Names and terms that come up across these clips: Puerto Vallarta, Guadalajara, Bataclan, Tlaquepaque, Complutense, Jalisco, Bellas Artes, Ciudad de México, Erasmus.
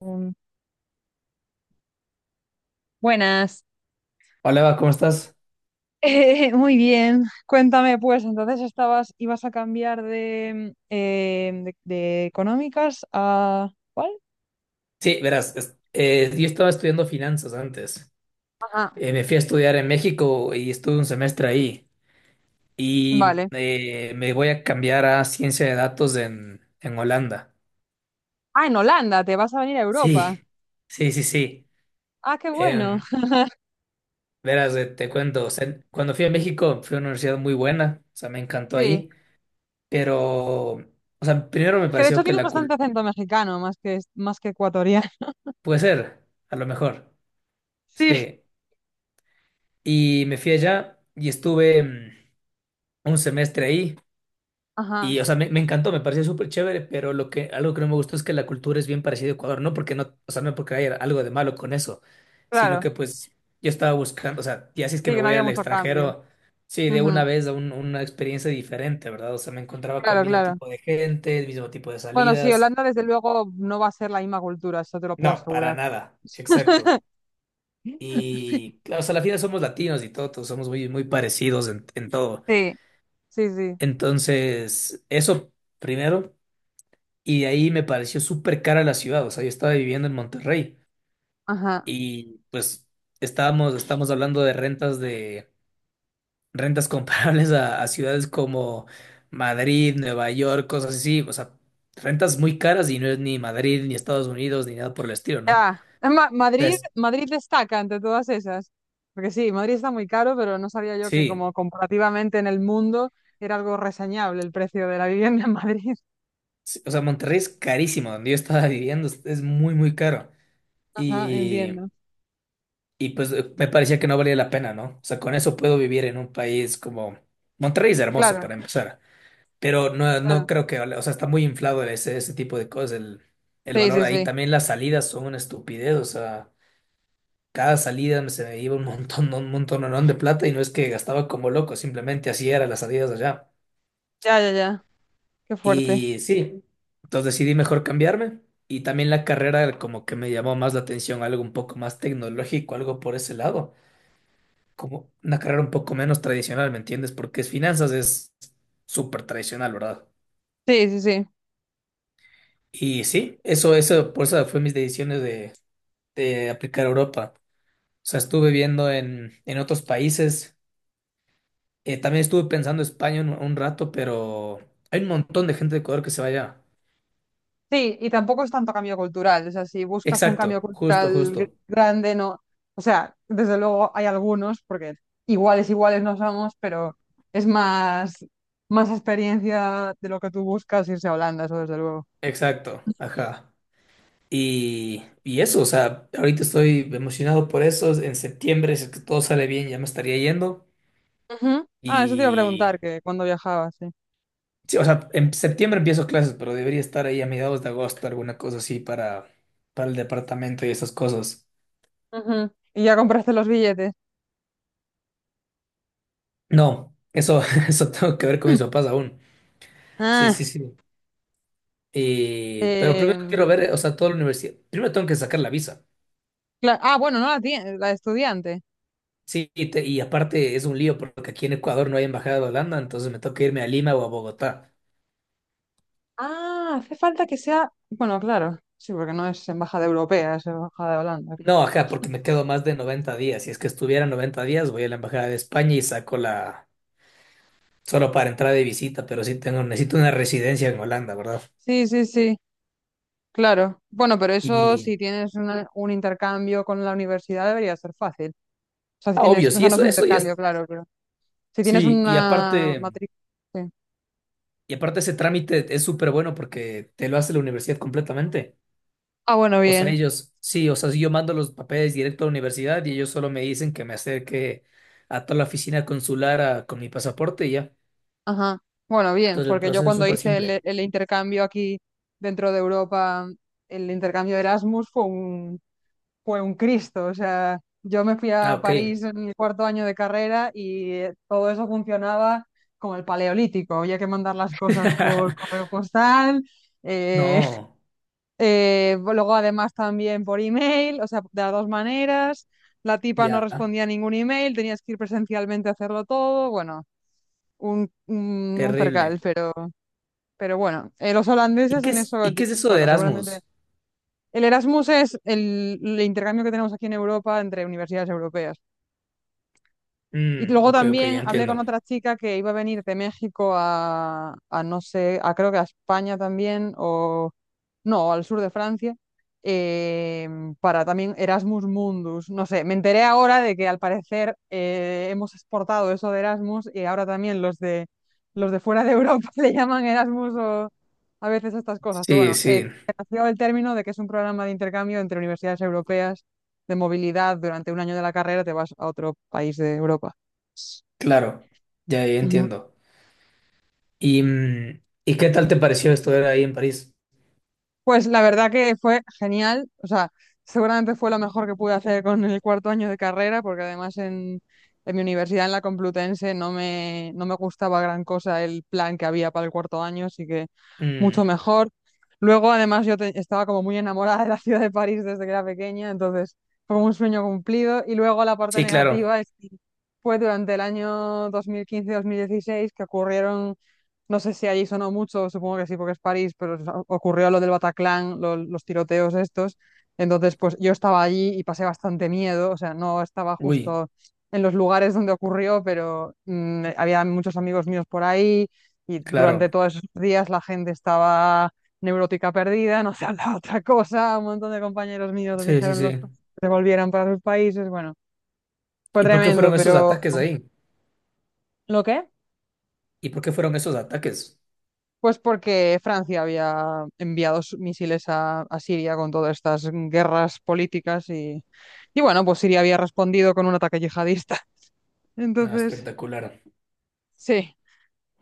Mm, buenas. Hola, Eva, ¿cómo estás? Muy bien. Cuéntame, pues, entonces estabas, ibas a cambiar de económicas a... ¿Cuál? Sí, verás, yo estaba estudiando finanzas antes. Ajá, Me fui a estudiar en México y estuve un semestre ahí. Y vale. Me voy a cambiar a ciencia de datos en Holanda. Ah, en Holanda, te vas a venir a Sí, Europa. sí, sí, sí. Ah, qué bueno. Em, verás, te cuento, o sea, cuando fui a México fue una universidad muy buena, o sea, me encantó Sí. ahí. Pero, o sea, primero me Que de hecho pareció que tienes la bastante cul... acento mexicano, más que ecuatoriano. Puede ser, a lo mejor. Sí. Sí. Y me fui allá y estuve... un semestre ahí. Ajá, Y, o sea, me encantó, me pareció súper chévere, pero lo que, algo que no me gustó es que la cultura es bien parecida a Ecuador, no porque no, o sea, no porque haya algo de malo con eso, sino claro. que pues yo estaba buscando, o sea, ya si es que Sí, me que no voy había al mucho cambio. extranjero, sí, de una Ujú, vez a una experiencia diferente, ¿verdad? O sea, me encontraba con el claro, mismo claro. tipo de gente, el mismo tipo de Bueno, sí, salidas. Holanda desde luego no va a ser la misma cultura, eso te lo puedo No, para asegurar. nada, exacto. Y claro, o sea, a la final somos latinos y todo, todos somos muy, muy parecidos en todo. Sí, sí, sí. Entonces, eso primero. Y de ahí me pareció súper cara la ciudad, o sea, yo estaba viviendo en Monterrey Ajá. y pues estamos hablando de rentas comparables a ciudades como Madrid, Nueva York, cosas así, o sea, rentas muy caras y no es ni Madrid, ni Estados Unidos, ni nada por el estilo, ¿no? Ya, Madrid, Entonces, Madrid destaca entre todas esas. Porque sí, Madrid está muy caro, pero no sabía yo que, sí, como comparativamente en el mundo, era algo reseñable el precio de la vivienda en Madrid. sí, o sea, Monterrey es carísimo, donde yo estaba viviendo es muy, muy caro Ajá, y, entiendo. y pues me parecía que no valía la pena, ¿no? O sea, con eso puedo vivir en un país como... Monterrey es hermoso Claro, para empezar. Pero no, claro. no creo que, vale, o sea, está muy inflado ese tipo de cosas, el Sí, valor sí, ahí. sí. También las salidas son una estupidez, o sea, cada salida me se me iba un montón, un montón de plata y no es que gastaba como loco, simplemente así eran las salidas allá. Ya, ya, ya. Qué fuerte. Y sí, entonces decidí mejor cambiarme y también la carrera como que me llamó más la atención, algo un poco más tecnológico, algo por ese lado, como una carrera un poco menos tradicional, ¿me entiendes? Porque es finanzas es súper tradicional, ¿verdad? Sí, sí, sí. Y sí, eso, por eso fue mis decisiones de aplicar a Europa. O sea, estuve viendo en otros países. También estuve pensando en España un rato, pero hay un montón de gente de Ecuador que se vaya. Sí, y tampoco es tanto cambio cultural. O sea, si buscas un cambio Exacto, justo, cultural justo. grande, no. O sea, desde luego hay algunos, porque iguales, iguales no somos, pero es más, más experiencia de lo que tú buscas irse a Holanda, eso desde luego. Exacto, ajá. Y eso, o sea, ahorita estoy emocionado por eso. En septiembre, si es que todo sale bien, ya me estaría yendo. Ujú. Ah, eso te iba a y preguntar, que cuando viajabas, sí. Sí, o sea, en septiembre empiezo clases, pero debería estar ahí a mediados de agosto, alguna cosa así para el departamento y esas cosas. Ujú. Y ya compraste los billetes. No, eso, eso tengo que ver con Mm. mis papás aún. Sí, sí, Ah, sí. Pero primero quiero em, ver, o sea, toda la universidad. Primero tengo que sacar la visa. Bueno, no la, la de estudiante. Sí, y, y aparte es un lío porque aquí en Ecuador no hay embajada de Holanda, entonces me toca irme a Lima o a Bogotá. Ah, hace falta que sea. Bueno, claro. Sí, porque no es embajada europea, es embajada de Holanda. No, ajá, porque me quedo más de 90 días. Si es que estuviera 90 días, voy a la embajada de España y saco la, solo para entrar de visita, pero sí tengo, necesito una residencia en Holanda, ¿verdad? Sí, sí, sí, claro. Bueno, pero eso, Y, si tienes un intercambio con la universidad, debería ser fácil. O sea, si ah, tienes, obvio, o sí, sea, no es eso, un eso ya es, intercambio, claro, pero si tienes sí, una matrícula. Sí. y aparte ese trámite es súper bueno porque te lo hace la universidad completamente. Ah, bueno, O sea, bien. ellos, sí, o sea, si yo mando los papeles directo a la universidad y ellos solo me dicen que me acerque a toda la oficina consular con mi pasaporte y ya. Ajá. Bueno, bien, Entonces el porque yo, proceso es cuando súper hice el, simple. el intercambio aquí dentro de Europa, el intercambio de Erasmus fue un Cristo. O sea, yo me fui Ah, a ok. París en mi cuarto año de carrera y todo eso funcionaba como el paleolítico. Había que mandar las cosas por correo postal, eh, No, luego además también por email, o sea, de las dos maneras. La tipa no ya, respondía a ningún email, tenías que ir presencialmente a hacerlo todo. Bueno, un percal, terrible. Pero bueno, los holandeses en eso, Y qué es eso de bueno, seguramente Erasmus? el Erasmus es el intercambio que tenemos aquí en Europa entre universidades europeas. Y Mm, luego ok, ok, ya también hablé con entiendo. otra chica que iba a venir de México a no sé, a, creo que a España también, o no, al sur de Francia, eh, para también Erasmus Mundus. No sé, me enteré ahora de que al parecer hemos exportado eso de Erasmus y ahora también los de fuera de Europa le llaman Erasmus o a veces estas cosas. Pero Sí, bueno, sí, nació el término de que es un programa de intercambio entre universidades europeas, de movilidad durante un año de la carrera, te vas a otro país de Europa. claro, ya, ya entiendo. ¿Y, y qué tal te pareció estudiar ahí en París? Pues la verdad que fue genial, o sea, seguramente fue lo mejor que pude hacer con el cuarto año de carrera, porque además en mi universidad, en la Complutense, no me gustaba gran cosa el plan que había para el cuarto año, así que mucho Mm, mejor. Luego, además, yo estaba como muy enamorada de la ciudad de París desde que era pequeña, entonces fue un sueño cumplido. Y luego la parte sí, claro. negativa es que fue durante el año 2015-2016 que ocurrieron, no sé si allí sonó mucho, supongo que sí, porque es París, pero ocurrió lo del Bataclan, los tiroteos estos. Entonces, pues yo estaba allí y pasé bastante miedo, o sea, no estaba Uy, justo en los lugares donde ocurrió, pero había muchos amigos míos por ahí y durante claro. todos esos días la gente estaba neurótica perdida, no se hablaba otra cosa, un montón de compañeros míos, les Sí, sí, dijeron los que sí. se volvieran para sus países, bueno, fue ¿Y por qué tremendo, fueron esos pero... ataques ahí? ¿Lo qué? ¿Y por qué fueron esos ataques? Pues porque Francia había enviado sus misiles a Siria con todas estas guerras políticas y bueno, pues Siria había respondido con un ataque yihadista. Ah, Entonces, espectacular. sí.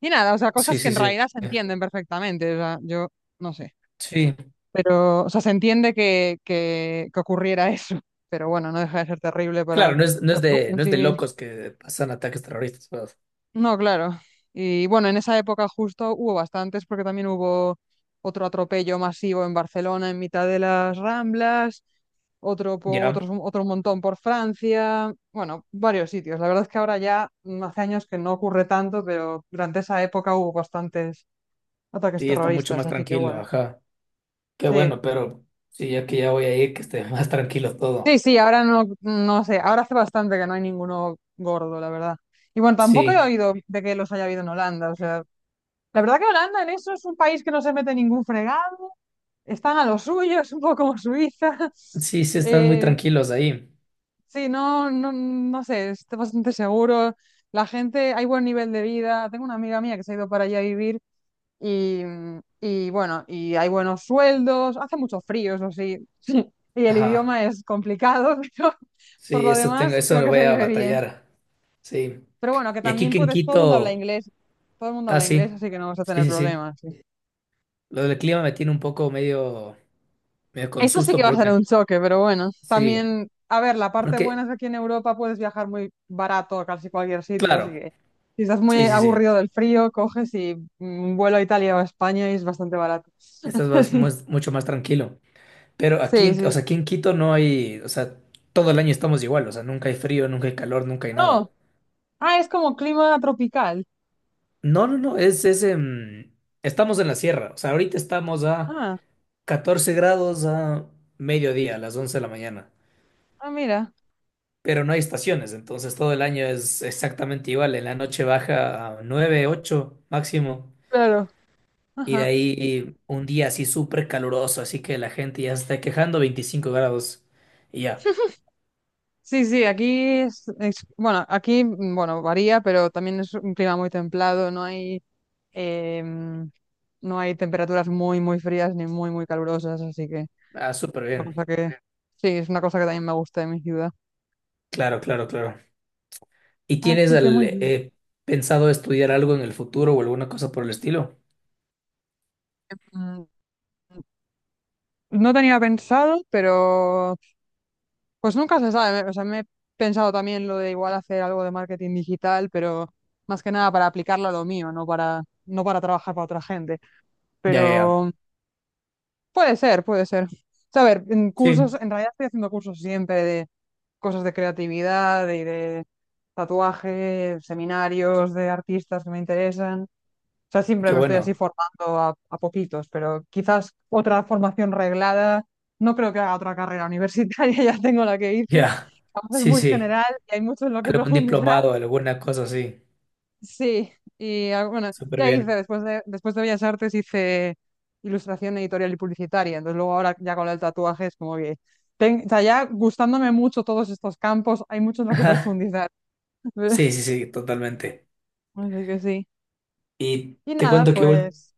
Y nada, o sea, Sí, cosas que sí, en sí. realidad se entienden perfectamente. O sea, yo no sé. Sí, Pero, o sea, se entiende que ocurriera eso. Pero bueno, no deja de ser terrible para claro, no es, no la es de, población no es de civil. locos que pasan ataques terroristas, pero No, claro. Y bueno, en esa época justo hubo bastantes porque también hubo otro atropello masivo en Barcelona en mitad de las Ramblas, otro, ya, otro montón por Francia, bueno, varios sitios. La verdad es que ahora ya, hace años que no ocurre tanto, pero durante esa época hubo bastantes ataques sí, está mucho terroristas, más así que tranquilo, bueno, ajá. Qué bueno, sí. pero sí, ya que ya voy a ir, que esté más tranquilo Sí, todo. sí, ahora no, no sé, ahora hace bastante que no hay ninguno gordo, la verdad. Y bueno, tampoco he Sí, oído de que los haya habido en Holanda, o sea... La verdad que Holanda en eso es un país que no se mete ningún fregado, están a lo suyo, es un poco como Suiza. sí, sí, están muy Eh, tranquilos ahí. sí, no, no, no sé, está bastante seguro. La gente, hay buen nivel de vida. Tengo una amiga mía que se ha ido para allá a vivir y, y bueno, y hay buenos sueldos, hace mucho frío, eso sí, sí, y el Ajá, idioma es complicado, pero por sí, lo eso tengo, demás eso creo lo que voy se a vive bien. batallar, sí. Pero bueno, que Y aquí también que en puedes, todo el mundo habla Quito, inglés, todo el mundo ah, habla inglés, sí, así que no vas a sí, tener sí, sí. problemas. Sí. Lo del clima me tiene un poco medio, medio con Eso sí susto, que va a ser porque, un choque, pero bueno, sí, también, a ver, la parte buena porque, es que aquí en Europa puedes viajar muy barato a casi cualquier sitio, así claro, que si estás muy sí, sí, sí, aburrido del frío, coges y, un vuelo a Italia o a España y es bastante barato. estás mucho más tranquilo. Pero aquí, Sí, sí, o sea, sí. aquí en Quito no hay, o sea, todo el año estamos igual, o sea, nunca hay frío, nunca hay calor, nunca hay nada. No, ah, es como clima tropical. No, no, no, es, estamos en la sierra, o sea, ahorita estamos a Ah, 14 grados a mediodía, a las 11 de la mañana. ah, mira, Pero no hay estaciones, entonces todo el año es exactamente igual. En la noche baja a 9, 8 máximo, claro. y de Ajá. ahí un día así súper caluroso, así que la gente ya se está quejando, 25 grados, y ya. Sí, sí, aquí es, bueno, aquí, bueno, varía, pero también es un clima muy templado, no hay... Em, no hay temperaturas muy, muy frías ni muy, muy calurosas, así que Ah, súper una cosa bien. que... Sí, es una cosa que también me gusta de mi ciudad. Claro, claro, claro. ¿Y tienes Así que muy bien. Pensado estudiar algo en el futuro o alguna cosa por el estilo? Mm, no tenía pensado, pero pues nunca se sabe. O sea, me he pensado también lo de igual hacer algo de marketing digital, pero más que nada para aplicarlo a lo mío, no para, trabajar para otra gente. Ya, ya. Ya. Pero puede ser, puede ser. O sea, a ver, en cursos, Sí, en realidad estoy haciendo cursos siempre, cosas de creatividad y de tatuaje, seminarios de artistas que me interesan. O sea, siempre qué me estoy bueno. así formando a poquitos, pero quizás otra formación reglada. No creo que haga otra carrera universitaria, ya tengo la que hice. Ya. Además, es Sí, muy sí. general y hay mucho en lo que Algún profundizar. diplomado, alguna cosa así. Sí, y bueno, Súper ya hice, bien. Después de Bellas Artes hice ilustración editorial y publicitaria. Entonces luego ahora ya con el tatuaje es como que... o sea, ya gustándome mucho todos estos campos, hay mucho en lo que Ajá. profundizar. Sí, sí, sí, totalmente. Así que sí. Y Y te nada, cuento que pues.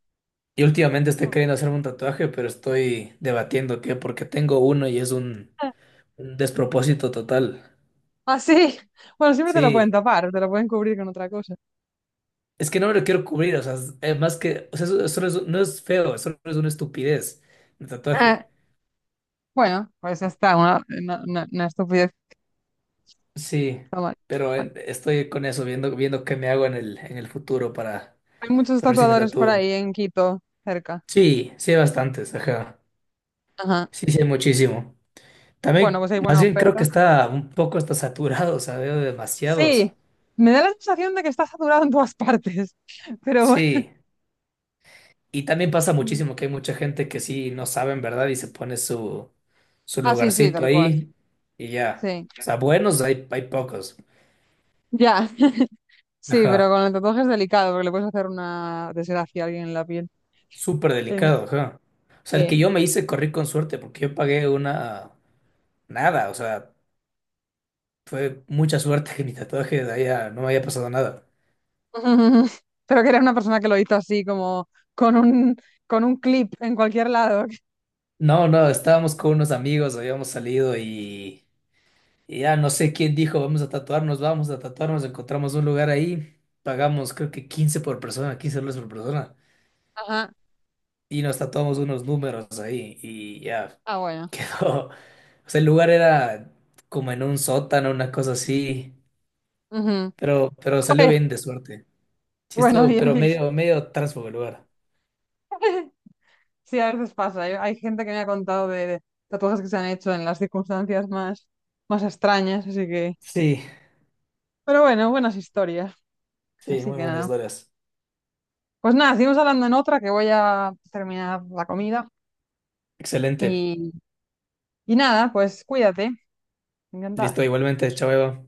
y últimamente estoy queriendo hacerme un tatuaje, pero estoy debatiendo qué, porque tengo uno y es un despropósito total. Así. Bueno, siempre te lo pueden Sí, tapar, te lo pueden cubrir con otra cosa. es que no me lo quiero cubrir, o sea, más que, o sea, eso no es, no es feo, eso no es una estupidez, el Eh, tatuaje. bueno, pues ya está, una estupidez. Sí, Está mal. pero Mal. Estoy con eso, viendo, viendo qué me hago en el futuro Hay muchos para ver si me tatuadores por tatúo. ahí en Quito, cerca. Sí, sí hay bastantes, ajá. Ajá. Sí, sí hay muchísimo. Bueno, También, pues hay más buena bien creo oferta. que está un poco está saturado, o sea, veo Sí, demasiados. me da la sensación de que está saturado en todas partes, pero bueno. Sí, y también pasa muchísimo que hay mucha gente que sí no sabe en verdad y se pone su, su Ah, sí, sí, lugarcito tal cual. ahí y ya. Sí. O sea, buenos hay, hay pocos. Ya. Sí, pero Ajá, con el tatuaje es delicado porque le puedes hacer una desgracia a alguien en la piel. súper Eh, delicado, ajá. O sea, el que Sí. yo me hice corrí con suerte porque yo pagué una... Nada, o sea, fue mucha suerte que mi tatuaje de allá no me haya pasado nada. Pero que era una persona que lo hizo así, como con un, con un clip en cualquier lado. No, no, estábamos con unos amigos, habíamos salido y... Y ya no sé quién dijo, vamos a tatuarnos, encontramos un lugar ahí, pagamos creo que 15 por persona, 15 dólares por persona, Ajá. y nos tatuamos unos números ahí, y ya Ah, bueno. quedó. O sea, el lugar era como en un sótano, una cosa así, Ujú. Pero salió Joder. bien de suerte. Sí Bueno, estuvo, bien, pero bien. medio, medio transfugo el lugar. Sí, a veces pasa. Hay gente que me ha contado de tatuajes que se han hecho en las circunstancias más, más extrañas, así que... Sí, Pero bueno, buenas historias. sí, Así muy que buenas nada. historias. Pues nada, seguimos hablando en otra que voy a terminar la comida. Excelente. Y, y nada, pues cuídate. Encantada. Listo, igualmente, chao, Eva.